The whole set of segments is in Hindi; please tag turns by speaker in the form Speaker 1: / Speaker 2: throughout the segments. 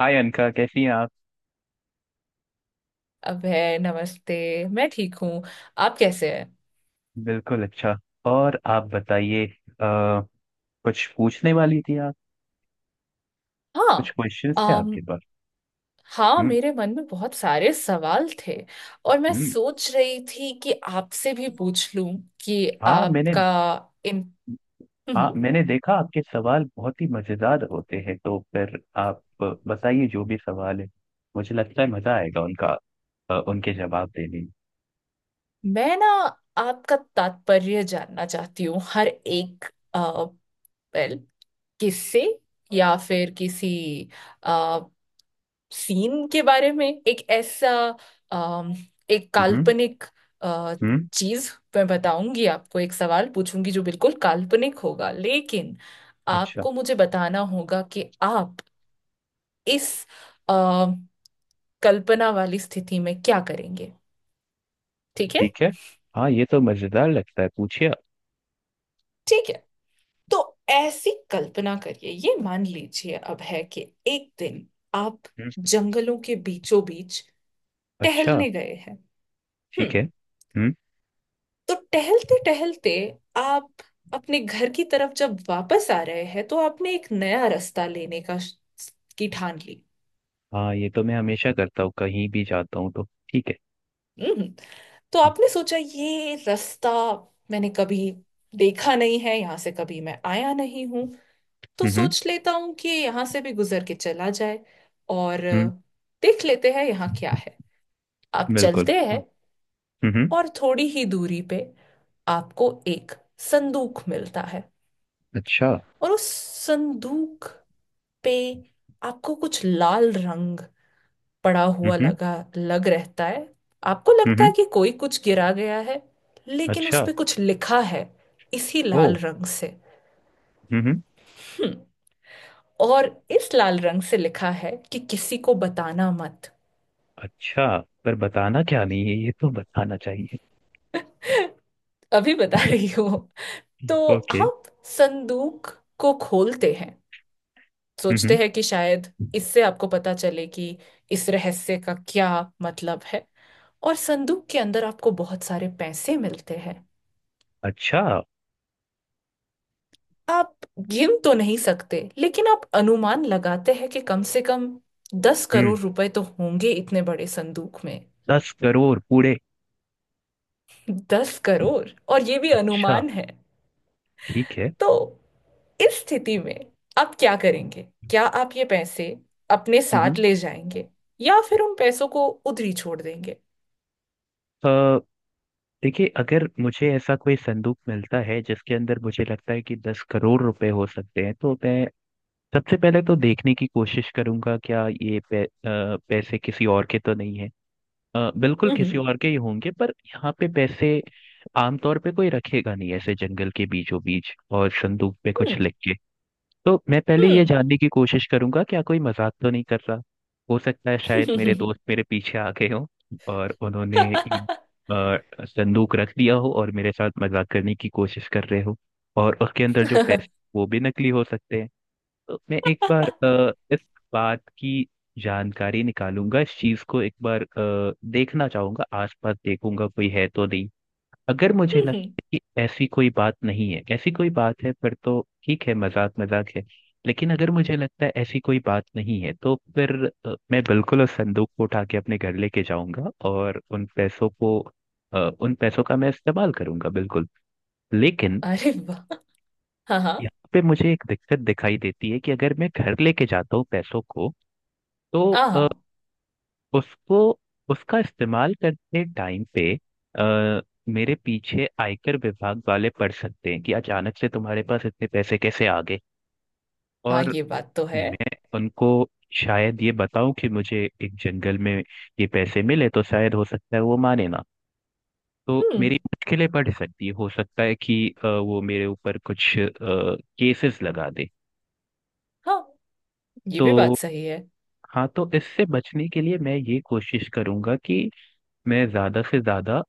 Speaker 1: हाय अनका, कैसी हैं आप।
Speaker 2: अभय नमस्ते। मैं ठीक हूँ। आप कैसे हैं?
Speaker 1: बिल्कुल अच्छा। और आप बताइए। अ, कुछ पूछने वाली थी आप।
Speaker 2: हाँ।
Speaker 1: कुछ क्वेश्चंस थे
Speaker 2: अम
Speaker 1: आपके पास।
Speaker 2: हाँ,
Speaker 1: हम्म।
Speaker 2: मेरे मन में बहुत सारे सवाल थे और मैं
Speaker 1: हम्म।
Speaker 2: सोच रही थी कि आपसे भी पूछ लूं कि
Speaker 1: हाँ मैंने
Speaker 2: आपका इन
Speaker 1: हाँ,
Speaker 2: हम्म,
Speaker 1: मैंने देखा आपके सवाल बहुत ही मजेदार होते हैं, तो फिर आप बताइए जो भी सवाल है। मुझे लगता है मजा आएगा उनका उनके जवाब देने में।
Speaker 2: मैं ना आपका तात्पर्य जानना चाहती हूँ हर एक वेल किससे या फिर किसी सीन के बारे में एक ऐसा अम, एक
Speaker 1: हम्म।
Speaker 2: काल्पनिक अ,
Speaker 1: हम्म।
Speaker 2: चीज। मैं बताऊंगी आपको, एक सवाल पूछूंगी जो बिल्कुल काल्पनिक होगा, लेकिन
Speaker 1: अच्छा।
Speaker 2: आपको मुझे बताना होगा कि आप इस अ, कल्पना वाली स्थिति में क्या करेंगे। ठीक है?
Speaker 1: ठीक है। हाँ, ये तो मजेदार लगता है, पूछिए आप।
Speaker 2: ठीक है, तो ऐसी कल्पना करिए, ये मान लीजिए अब है कि एक दिन आप
Speaker 1: हम्म।
Speaker 2: जंगलों के बीचों बीच
Speaker 1: अच्छा।
Speaker 2: टहलने गए हैं।
Speaker 1: ठीक है।
Speaker 2: हम्म।
Speaker 1: हम्म।
Speaker 2: तो टहलते टहलते आप अपने घर की तरफ जब वापस आ रहे हैं तो आपने एक नया रास्ता लेने का की ठान ली।
Speaker 1: हाँ, ये तो मैं हमेशा करता हूँ कहीं भी जाता हूँ तो। ठीक है।
Speaker 2: हम्म। तो आपने सोचा, ये रास्ता मैंने कभी देखा नहीं है, यहाँ से कभी मैं आया नहीं हूं, तो
Speaker 1: हम्म।
Speaker 2: सोच लेता हूँ कि यहाँ से भी गुजर के चला जाए और
Speaker 1: हम्म।
Speaker 2: देख लेते हैं यहाँ क्या है। आप
Speaker 1: बिल्कुल
Speaker 2: चलते हैं
Speaker 1: हाँ। हम्म।
Speaker 2: और थोड़ी ही दूरी पे आपको एक संदूक मिलता है।
Speaker 1: अच्छा।
Speaker 2: और उस संदूक पे आपको कुछ लाल रंग पड़ा हुआ
Speaker 1: हम्म।
Speaker 2: लगा लग रहता है। आपको लगता
Speaker 1: हम्म।
Speaker 2: है कि कोई कुछ गिरा गया है, लेकिन उस
Speaker 1: अच्छा।
Speaker 2: पे कुछ लिखा है इसी
Speaker 1: ओ।
Speaker 2: लाल रंग से।
Speaker 1: हम्म।
Speaker 2: हम्म। और इस लाल रंग से लिखा है कि किसी को बताना मत।
Speaker 1: अच्छा। पर बताना क्या नहीं है, ये तो बताना चाहिए।
Speaker 2: अभी बता रही हो। तो
Speaker 1: ओके।
Speaker 2: आप संदूक को खोलते हैं,
Speaker 1: हम्म।
Speaker 2: सोचते हैं कि शायद इससे आपको पता चले कि इस रहस्य का क्या मतलब है। और संदूक के अंदर आपको बहुत सारे पैसे मिलते हैं।
Speaker 1: अच्छा।
Speaker 2: आप गिन तो नहीं सकते लेकिन आप अनुमान लगाते हैं कि कम से कम दस
Speaker 1: हम्म।
Speaker 2: करोड़ रुपए तो होंगे इतने बड़े संदूक में।
Speaker 1: 10 करोड़ पूरे?
Speaker 2: दस करोड़, और ये भी
Speaker 1: अच्छा।
Speaker 2: अनुमान है।
Speaker 1: ठीक है।
Speaker 2: तो इस स्थिति में आप क्या करेंगे? क्या आप ये पैसे अपने
Speaker 1: हम्म।
Speaker 2: साथ ले जाएंगे या फिर उन पैसों को उधरी छोड़ देंगे?
Speaker 1: अ, देखिए, अगर मुझे ऐसा कोई संदूक मिलता है जिसके अंदर मुझे लगता है कि 10 करोड़ रुपए हो सकते हैं, तो मैं सबसे पहले तो देखने की कोशिश करूंगा क्या ये पैसे किसी और के तो नहीं है। बिल्कुल किसी
Speaker 2: हम्म
Speaker 1: और के ही होंगे, पर यहाँ पे पैसे आमतौर पे कोई रखेगा नहीं ऐसे जंगल के बीचों बीच और संदूक पे कुछ
Speaker 2: हम्म
Speaker 1: लिख के। तो मैं पहले ये
Speaker 2: हम्म
Speaker 1: जानने की कोशिश करूंगा क्या कोई मजाक तो नहीं कर रहा। हो सकता है शायद मेरे दोस्त मेरे पीछे आ गए हों और उन्होंने संदूक रख दिया हो और मेरे साथ मजाक करने की कोशिश कर रहे हो, और उसके अंदर जो पैसे वो भी नकली हो सकते हैं। तो मैं एक बार इस बात की जानकारी निकालूंगा, इस चीज को एक बार देखना चाहूंगा, आसपास देखूंगा कोई है तो नहीं। अगर मुझे लगता
Speaker 2: हम्म,
Speaker 1: है कि ऐसी कोई बात नहीं है, ऐसी कोई बात है फिर तो ठीक है, मजाक मजाक है। लेकिन अगर मुझे लगता है ऐसी कोई बात नहीं है तो फिर मैं बिल्कुल उस संदूक को उठा के अपने घर लेके जाऊंगा, और उन पैसों का मैं इस्तेमाल करूंगा बिल्कुल। लेकिन
Speaker 2: अरे वाह, हाँ हाँ।
Speaker 1: यहाँ पे मुझे एक दिक्कत दिखाई देती है कि अगर मैं घर लेके जाता हूँ पैसों को, तो
Speaker 2: हाँ
Speaker 1: अ,
Speaker 2: हाँ।
Speaker 1: उसको उसका इस्तेमाल करते टाइम पे अ, मेरे पीछे आयकर विभाग वाले पड़ सकते हैं कि अचानक से तुम्हारे पास इतने पैसे कैसे आ गए।
Speaker 2: हाँ,
Speaker 1: और
Speaker 2: ये बात तो है।
Speaker 1: मैं उनको शायद ये बताऊं कि मुझे एक जंगल में ये पैसे मिले, तो शायद हो सकता है वो माने ना। तो
Speaker 2: हम्म।
Speaker 1: मेरी मुश्किलें बढ़ सकती है, हो सकता है कि वो मेरे ऊपर कुछ केसेस लगा दे।
Speaker 2: हाँ, ये भी
Speaker 1: तो
Speaker 2: बात सही है।
Speaker 1: हाँ, तो इससे बचने के लिए मैं ये कोशिश करूंगा कि मैं ज्यादा से ज्यादा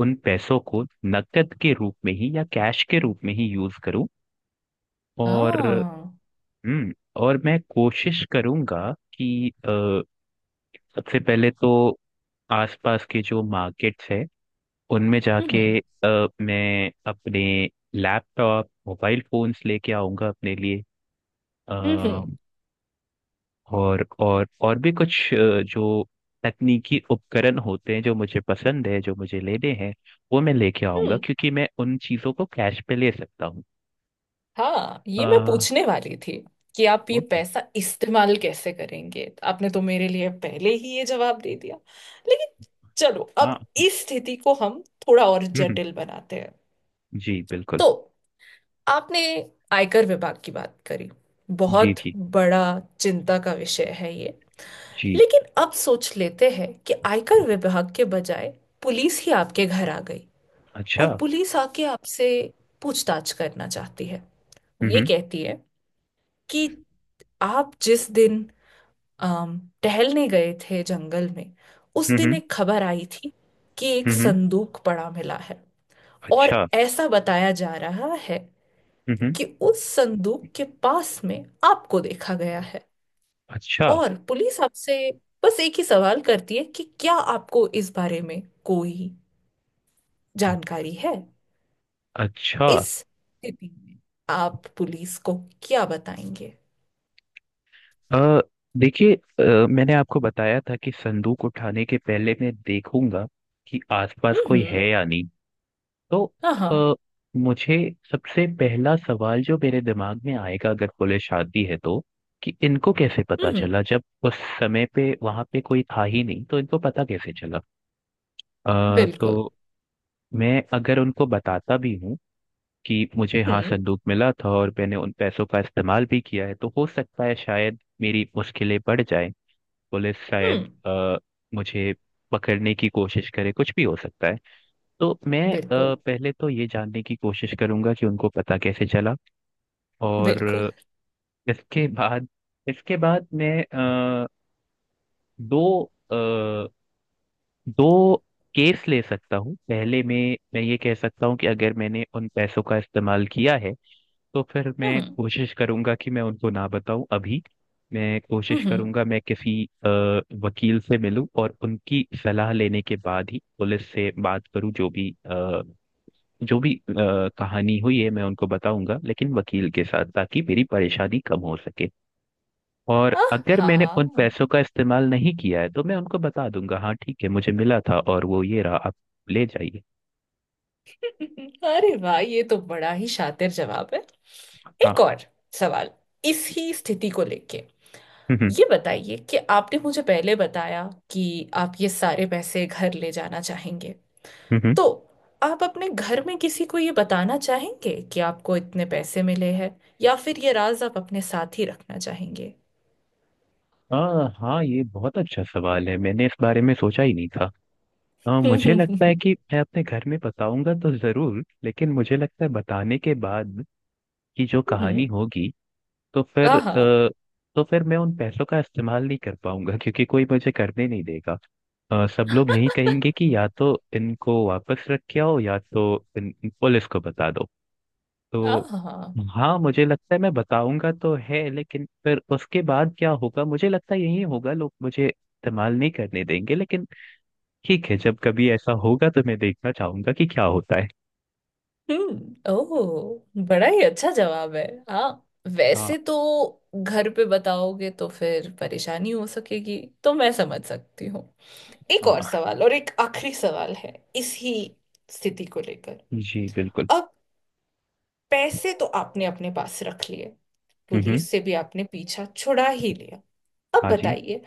Speaker 1: उन पैसों को नकद के रूप में ही या कैश के रूप में ही यूज करूं। और
Speaker 2: हाँ।
Speaker 1: हम्म। और मैं कोशिश करूंगा कि सबसे पहले तो आसपास के जो मार्केट्स हैं उनमें जाके
Speaker 2: हम्म
Speaker 1: मैं अपने लैपटॉप, मोबाइल फोन्स लेके आऊंगा अपने लिए। अ,
Speaker 2: हम्म
Speaker 1: और भी कुछ जो तकनीकी उपकरण होते हैं, जो मुझे पसंद है, जो मुझे लेने हैं, वो मैं लेके आऊंगा
Speaker 2: हम्म
Speaker 1: क्योंकि मैं उन चीजों को कैश पे ले सकता हूँ।
Speaker 2: हाँ,
Speaker 1: अ,
Speaker 2: ये मैं पूछने वाली थी कि आप ये
Speaker 1: हो-
Speaker 2: पैसा इस्तेमाल कैसे करेंगे। आपने तो मेरे लिए पहले ही ये जवाब दे दिया। लेकिन चलो,
Speaker 1: हाँ।
Speaker 2: अब
Speaker 1: हम्म।
Speaker 2: इस स्थिति को हम थोड़ा और
Speaker 1: हम्म। हम्म।
Speaker 2: जटिल बनाते हैं।
Speaker 1: जी बिल्कुल।
Speaker 2: तो आपने आयकर विभाग की बात करी,
Speaker 1: जी।
Speaker 2: बहुत
Speaker 1: जी।
Speaker 2: बड़ा चिंता का विषय है ये।
Speaker 1: जी।
Speaker 2: लेकिन अब सोच लेते हैं कि आयकर विभाग के बजाय पुलिस ही आपके घर आ गई।
Speaker 1: अच्छा।
Speaker 2: और पुलिस आके आपसे पूछताछ करना चाहती है। वो ये
Speaker 1: हम्म।
Speaker 2: कहती है कि आप जिस दिन टहलने गए थे जंगल में, उस
Speaker 1: हम्म।
Speaker 2: दिन
Speaker 1: हम्म।
Speaker 2: एक खबर आई थी कि एक
Speaker 1: हम्म। हम्म।
Speaker 2: संदूक पड़ा मिला है और
Speaker 1: अच्छा।
Speaker 2: ऐसा बताया जा रहा है
Speaker 1: हम्म। हम्म।
Speaker 2: कि उस संदूक के पास में आपको देखा गया है।
Speaker 1: अच्छा।
Speaker 2: और पुलिस आपसे बस एक ही सवाल करती है कि क्या आपको इस बारे में कोई जानकारी है।
Speaker 1: अच्छा।
Speaker 2: इस स्थिति में आप पुलिस को क्या बताएंगे?
Speaker 1: अ, देखिए, मैंने आपको बताया था कि संदूक उठाने के पहले मैं देखूंगा कि आसपास कोई
Speaker 2: हम्म।
Speaker 1: है या नहीं। तो
Speaker 2: हाँ हाँ।
Speaker 1: अ, मुझे सबसे पहला सवाल जो मेरे दिमाग में आएगा अगर पुलिस आती है तो, कि इनको कैसे पता
Speaker 2: हम्म।
Speaker 1: चला, जब उस समय पे वहां पे कोई था ही नहीं तो इनको पता कैसे चला।
Speaker 2: बिल्कुल।
Speaker 1: तो मैं अगर उनको बताता भी हूँ कि मुझे हाँ
Speaker 2: हम्म
Speaker 1: संदूक मिला था और मैंने उन पैसों का इस्तेमाल भी किया है, तो हो सकता है शायद मेरी मुश्किलें बढ़ जाएं। पुलिस शायद
Speaker 2: हम्म।
Speaker 1: मुझे पकड़ने की कोशिश करे, कुछ भी हो सकता है। तो मैं
Speaker 2: बिल्कुल
Speaker 1: पहले तो ये जानने की कोशिश करूंगा कि उनको पता कैसे चला।
Speaker 2: बिल्कुल।
Speaker 1: और इसके बाद इसके बाद मैं दो दो केस ले सकता हूँ। पहले में मैं ये कह सकता हूँ कि अगर मैंने उन पैसों का इस्तेमाल किया है, तो फिर मैं
Speaker 2: हम्म
Speaker 1: कोशिश करूंगा कि मैं उनको ना बताऊं अभी। मैं कोशिश
Speaker 2: हम्म।
Speaker 1: करूंगा मैं किसी वकील से मिलूं और उनकी सलाह लेने के बाद ही पुलिस से बात करूं। जो भी कहानी हुई है मैं उनको बताऊंगा, लेकिन वकील के साथ, ताकि मेरी परेशानी कम हो सके। और
Speaker 2: आह,
Speaker 1: अगर मैंने
Speaker 2: हाँ।
Speaker 1: उन पैसों का इस्तेमाल नहीं किया है तो मैं उनको बता दूंगा, हाँ ठीक है मुझे मिला था और वो ये रहा, आप ले जाइए।
Speaker 2: अरे वाह, ये तो बड़ा ही शातिर जवाब है।
Speaker 1: हाँ।
Speaker 2: एक और सवाल इसी स्थिति को लेके।
Speaker 1: हम्म।
Speaker 2: ये बताइए कि आपने मुझे पहले बताया कि आप ये सारे पैसे घर ले जाना चाहेंगे।
Speaker 1: हम्म।
Speaker 2: तो आप अपने घर में किसी को ये बताना चाहेंगे कि आपको इतने पैसे मिले हैं, या फिर ये राज आप अपने साथ ही रखना चाहेंगे?
Speaker 1: हाँ हाँ, ये बहुत अच्छा सवाल है, मैंने इस बारे में सोचा ही नहीं था। हाँ, मुझे लगता है
Speaker 2: हम्म।
Speaker 1: कि मैं अपने घर में बताऊंगा तो जरूर, लेकिन मुझे लगता है बताने के बाद की जो कहानी होगी, तो फिर
Speaker 2: आहा।
Speaker 1: अ, तो फिर मैं उन पैसों का इस्तेमाल नहीं कर पाऊंगा क्योंकि कोई मुझे करने नहीं देगा। सब लोग यही कहेंगे कि या तो इनको वापस रख के आओ, या तो इन, इन पुलिस को बता दो। तो
Speaker 2: आहा।
Speaker 1: हाँ, मुझे लगता है मैं बताऊंगा तो है, लेकिन फिर उसके बाद क्या होगा, मुझे लगता है यही होगा, लोग मुझे इस्तेमाल नहीं करने देंगे। लेकिन ठीक है, जब कभी ऐसा होगा तो मैं देखना चाहूंगा कि क्या होता है।
Speaker 2: हम्म। ओह, बड़ा ही अच्छा जवाब है। हाँ,
Speaker 1: हाँ।
Speaker 2: वैसे तो घर पे बताओगे तो फिर परेशानी हो सकेगी, तो मैं समझ सकती हूँ। एक और
Speaker 1: हाँ।
Speaker 2: सवाल, और एक आखिरी सवाल है इसी स्थिति को लेकर।
Speaker 1: जी बिल्कुल।
Speaker 2: अब पैसे तो आपने अपने पास रख लिए,
Speaker 1: हम्म। हम्म।
Speaker 2: पुलिस से भी आपने पीछा छुड़ा ही लिया। अब
Speaker 1: हाँ जी।
Speaker 2: बताइए,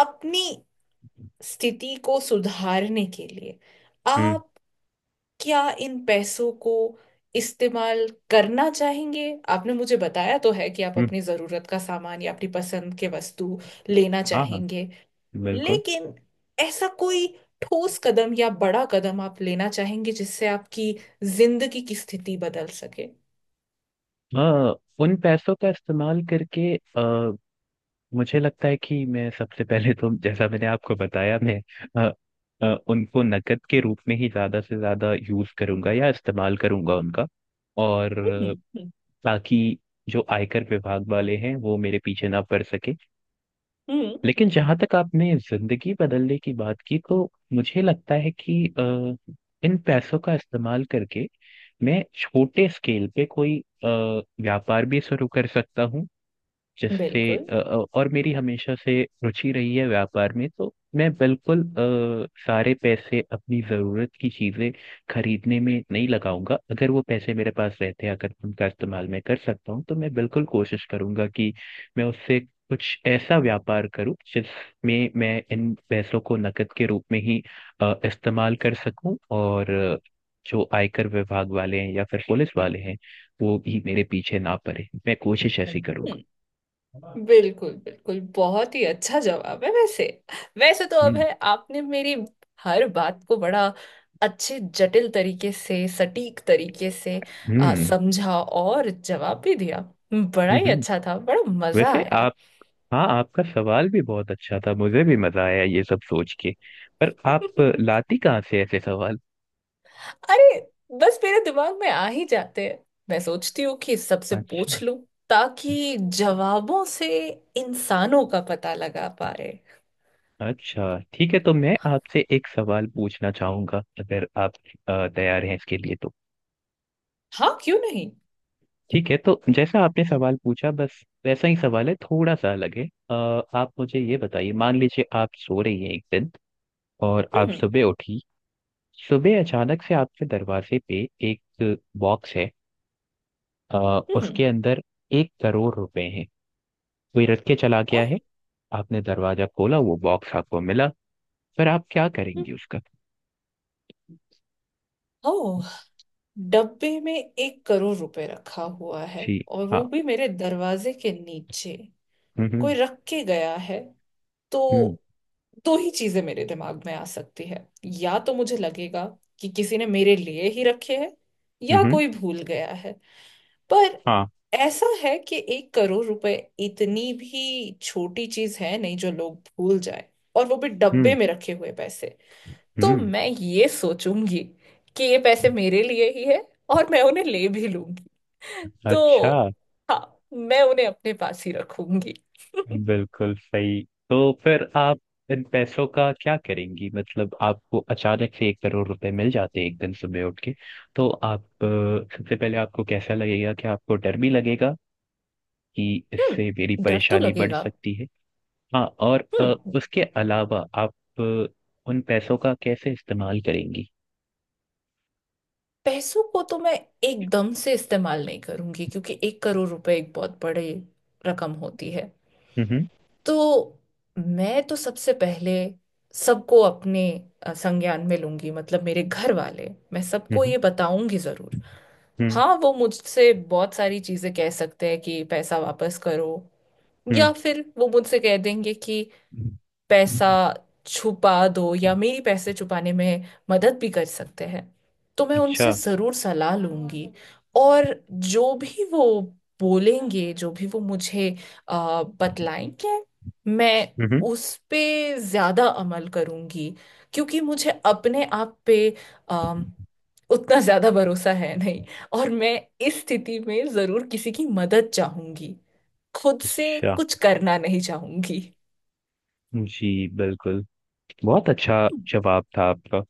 Speaker 2: अपनी स्थिति को सुधारने के लिए
Speaker 1: हम्म।
Speaker 2: आप क्या इन पैसों को इस्तेमाल करना चाहेंगे? आपने मुझे बताया तो है कि आप
Speaker 1: हम्म।
Speaker 2: अपनी जरूरत का सामान या अपनी पसंद के वस्तु लेना
Speaker 1: हाँ। हाँ।
Speaker 2: चाहेंगे,
Speaker 1: बिल्कुल।
Speaker 2: लेकिन ऐसा कोई ठोस कदम या बड़ा कदम आप लेना चाहेंगे जिससे आपकी जिंदगी की स्थिति बदल सके?
Speaker 1: हाँ, उन पैसों का इस्तेमाल करके मुझे लगता है कि मैं सबसे पहले तो, जैसा मैंने आपको बताया, मैं अ, उनको नकद के रूप में ही ज्यादा से ज्यादा यूज करूंगा या इस्तेमाल करूंगा उनका। और
Speaker 2: हम्म
Speaker 1: अ, ताकि जो आयकर विभाग वाले हैं वो मेरे पीछे ना पड़ सके।
Speaker 2: हम्म।
Speaker 1: लेकिन जहां तक आपने जिंदगी बदलने की बात की तो मुझे लगता है कि इन पैसों का इस्तेमाल करके मैं छोटे स्केल पे कोई व्यापार भी शुरू कर सकता हूँ, जिससे
Speaker 2: बिल्कुल
Speaker 1: और मेरी हमेशा से रुचि रही है व्यापार में, तो मैं बिल्कुल सारे पैसे अपनी ज़रूरत की चीज़ें खरीदने में नहीं लगाऊंगा। अगर वो पैसे मेरे पास रहते हैं, अगर उनका इस्तेमाल मैं कर सकता हूँ तो मैं बिल्कुल कोशिश करूंगा कि मैं उससे कुछ ऐसा व्यापार करूं जिसमें मैं इन पैसों को नकद के रूप में ही इस्तेमाल कर सकूं, और जो आयकर विभाग वाले हैं या फिर पुलिस वाले हैं वो भी मेरे पीछे ना पड़े, मैं कोशिश ऐसी करूंगा।
Speaker 2: बिल्कुल बिल्कुल बहुत ही अच्छा जवाब है। वैसे, वैसे तो अब है, आपने मेरी हर बात को बड़ा अच्छे जटिल तरीके से, सटीक तरीके से
Speaker 1: हम्म।
Speaker 2: समझा और जवाब भी दिया। बड़ा
Speaker 1: हम्म।
Speaker 2: ही
Speaker 1: हम्म।
Speaker 2: अच्छा था, बड़ा मजा
Speaker 1: वैसे
Speaker 2: आया।
Speaker 1: आप हाँ, आपका सवाल भी बहुत अच्छा था, मुझे भी मजा आया ये सब सोच के। पर आप लाती कहाँ से ऐसे सवाल?
Speaker 2: अरे, बस मेरे दिमाग में आ ही जाते हैं। मैं सोचती हूँ कि सबसे
Speaker 1: अच्छा।
Speaker 2: पूछ लूं ताकि जवाबों से इंसानों का पता लगा पा रहे।
Speaker 1: अच्छा। ठीक है, तो मैं आपसे एक सवाल पूछना चाहूंगा, अगर आप तैयार हैं इसके लिए तो।
Speaker 2: हाँ, क्यों नहीं।
Speaker 1: ठीक है, तो जैसा आपने सवाल पूछा बस वैसा ही सवाल है, थोड़ा सा अलग है। आप मुझे ये बताइए, मान लीजिए आप सो रही हैं एक दिन, और आप
Speaker 2: हम्म
Speaker 1: सुबह उठी। सुबह अचानक से आपके दरवाजे पे एक बॉक्स है,
Speaker 2: हम्म हम्म,
Speaker 1: उसके अंदर 1 करोड़ रुपए हैं, कोई रख के चला
Speaker 2: आ,
Speaker 1: गया है। आपने दरवाजा खोला, वो बॉक्स आपको मिला, फिर आप क्या
Speaker 2: हम्म,
Speaker 1: करेंगे उसका?
Speaker 2: ओह, डब्बे में 1 करोड़ रुपए रखा हुआ है,
Speaker 1: जी।
Speaker 2: और वो
Speaker 1: हाँ।
Speaker 2: भी मेरे दरवाजे के नीचे,
Speaker 1: हम्म।
Speaker 2: कोई रख के गया है। तो
Speaker 1: हम्म।
Speaker 2: दो ही चीजें मेरे दिमाग में आ सकती है, या तो मुझे लगेगा कि किसी ने मेरे लिए ही रखे हैं,
Speaker 1: हम्म।
Speaker 2: या
Speaker 1: हम्म। हम्म।
Speaker 2: कोई भूल गया है। पर
Speaker 1: हाँ।
Speaker 2: ऐसा है कि 1 करोड़ रुपए इतनी भी छोटी चीज है नहीं जो लोग भूल जाए, और वो भी
Speaker 1: हम्म।
Speaker 2: डब्बे में रखे हुए पैसे। तो
Speaker 1: हम्म।
Speaker 2: मैं ये सोचूंगी कि ये पैसे मेरे लिए ही है, और मैं उन्हें ले भी लूंगी। तो
Speaker 1: अच्छा।
Speaker 2: हाँ, मैं उन्हें अपने पास ही रखूंगी।
Speaker 1: बिल्कुल सही। तो फिर आप इन पैसों का क्या करेंगी, मतलब आपको अचानक से 1 करोड़ रुपए मिल जाते हैं एक दिन सुबह उठ के। तो आप सबसे पहले आपको कैसा लगेगा, कि आपको डर भी लगेगा कि इससे मेरी
Speaker 2: हम्म, डर तो
Speaker 1: परेशानी बढ़
Speaker 2: लगेगा।
Speaker 1: सकती है? हाँ, और
Speaker 2: हम्म।
Speaker 1: उसके अलावा आप अ, उन पैसों का कैसे इस्तेमाल करेंगी?
Speaker 2: पैसों को तो मैं एकदम से इस्तेमाल नहीं करूंगी, क्योंकि 1 करोड़ रुपए एक बहुत बड़ी रकम होती है।
Speaker 1: हम्म।
Speaker 2: तो मैं तो सबसे पहले सबको अपने संज्ञान में लूंगी, मतलब मेरे घर वाले, मैं सबको
Speaker 1: हम्म।
Speaker 2: ये बताऊंगी जरूर।
Speaker 1: हम्म।
Speaker 2: हाँ, वो मुझसे बहुत सारी चीजें कह सकते हैं कि पैसा वापस करो, या फिर वो मुझसे कह देंगे कि
Speaker 1: हम्म।
Speaker 2: पैसा छुपा दो, या मेरी पैसे छुपाने में मदद भी कर सकते हैं। तो मैं उनसे
Speaker 1: अच्छा।
Speaker 2: ज़रूर सलाह लूंगी। और जो भी वो बोलेंगे, जो भी वो मुझे बतलाएंगे, मैं
Speaker 1: हम्म।
Speaker 2: उस पे ज़्यादा अमल करूंगी, क्योंकि मुझे अपने आप पे अम, उतना ज़्यादा भरोसा है नहीं। और मैं इस स्थिति में ज़रूर किसी की मदद चाहूंगी, खुद से
Speaker 1: अच्छा।
Speaker 2: कुछ करना नहीं चाहूंगी।
Speaker 1: जी बिल्कुल। बहुत अच्छा जवाब था आपका।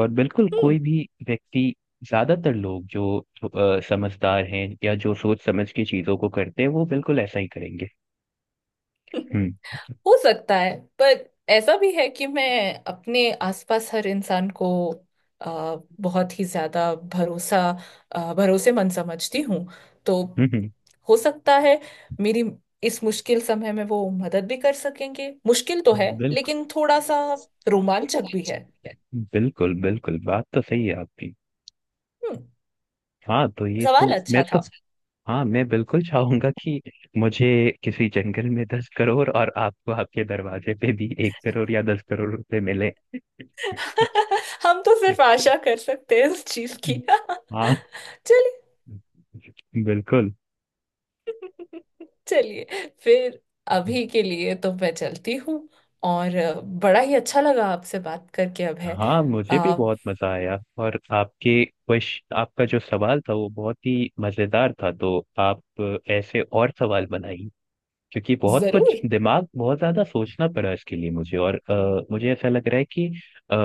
Speaker 1: और बिल्कुल कोई
Speaker 2: हम्म,
Speaker 1: भी व्यक्ति, ज्यादातर लोग जो समझदार हैं या जो सोच समझ के चीजों को करते हैं, वो बिल्कुल ऐसा ही करेंगे। हम्म।
Speaker 2: हो सकता है। पर ऐसा भी है कि मैं अपने आसपास हर इंसान को अ, बहुत ही ज्यादा भरोसा अ, भरोसेमंद समझती हूँ। तो
Speaker 1: हम्म। हम्म।
Speaker 2: हो सकता है मेरी इस मुश्किल समय में वो मदद भी कर सकेंगे। मुश्किल तो है
Speaker 1: बिल्कुल।
Speaker 2: लेकिन थोड़ा सा रोमांचक भी है।
Speaker 1: बिल्कुल। बिल्कुल, बात तो सही है आपकी।
Speaker 2: हम्म,
Speaker 1: हाँ तो ये
Speaker 2: सवाल
Speaker 1: तो मैं
Speaker 2: अच्छा
Speaker 1: तो
Speaker 2: था।
Speaker 1: हाँ, मैं बिल्कुल चाहूंगा कि मुझे किसी जंगल में 10 करोड़ और आपको आपके दरवाजे पे भी 1 करोड़ या 10 करोड़ रुपए मिले।
Speaker 2: हम तो सिर्फ आशा कर सकते हैं इस चीज की।
Speaker 1: हाँ।
Speaker 2: चलिए,
Speaker 1: बिल्कुल।
Speaker 2: चलिए फिर, अभी के लिए तो मैं चलती हूँ। और बड़ा ही अच्छा लगा आपसे बात करके अब है।
Speaker 1: हाँ, मुझे भी
Speaker 2: आ,
Speaker 1: बहुत मजा आया। और आपके क्वेश्चन, आपका जो सवाल था वो बहुत ही मजेदार था, तो आप ऐसे और सवाल बनाइए, क्योंकि बहुत
Speaker 2: जरूर।
Speaker 1: कुछ दिमाग बहुत ज्यादा सोचना पड़ा इसके लिए मुझे, और मुझे ऐसा लग रहा है कि अ,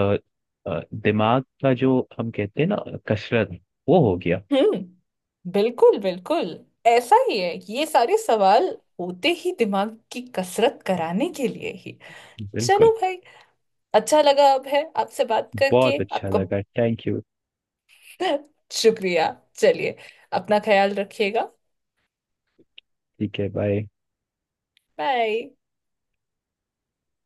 Speaker 1: दिमाग का जो हम कहते हैं ना, कसरत, वो हो गया।
Speaker 2: हम्म, बिल्कुल बिल्कुल, ऐसा ही है, ये सारे सवाल होते ही दिमाग की कसरत कराने के लिए ही। चलो
Speaker 1: बिल्कुल।
Speaker 2: भाई, अच्छा लगा अब है आपसे बात करके
Speaker 1: बहुत अच्छा
Speaker 2: आपका।
Speaker 1: लगा, थैंक यू।
Speaker 2: शुक्रिया। चलिए, अपना ख्याल रखिएगा।
Speaker 1: ठीक है, बाय।
Speaker 2: बाय।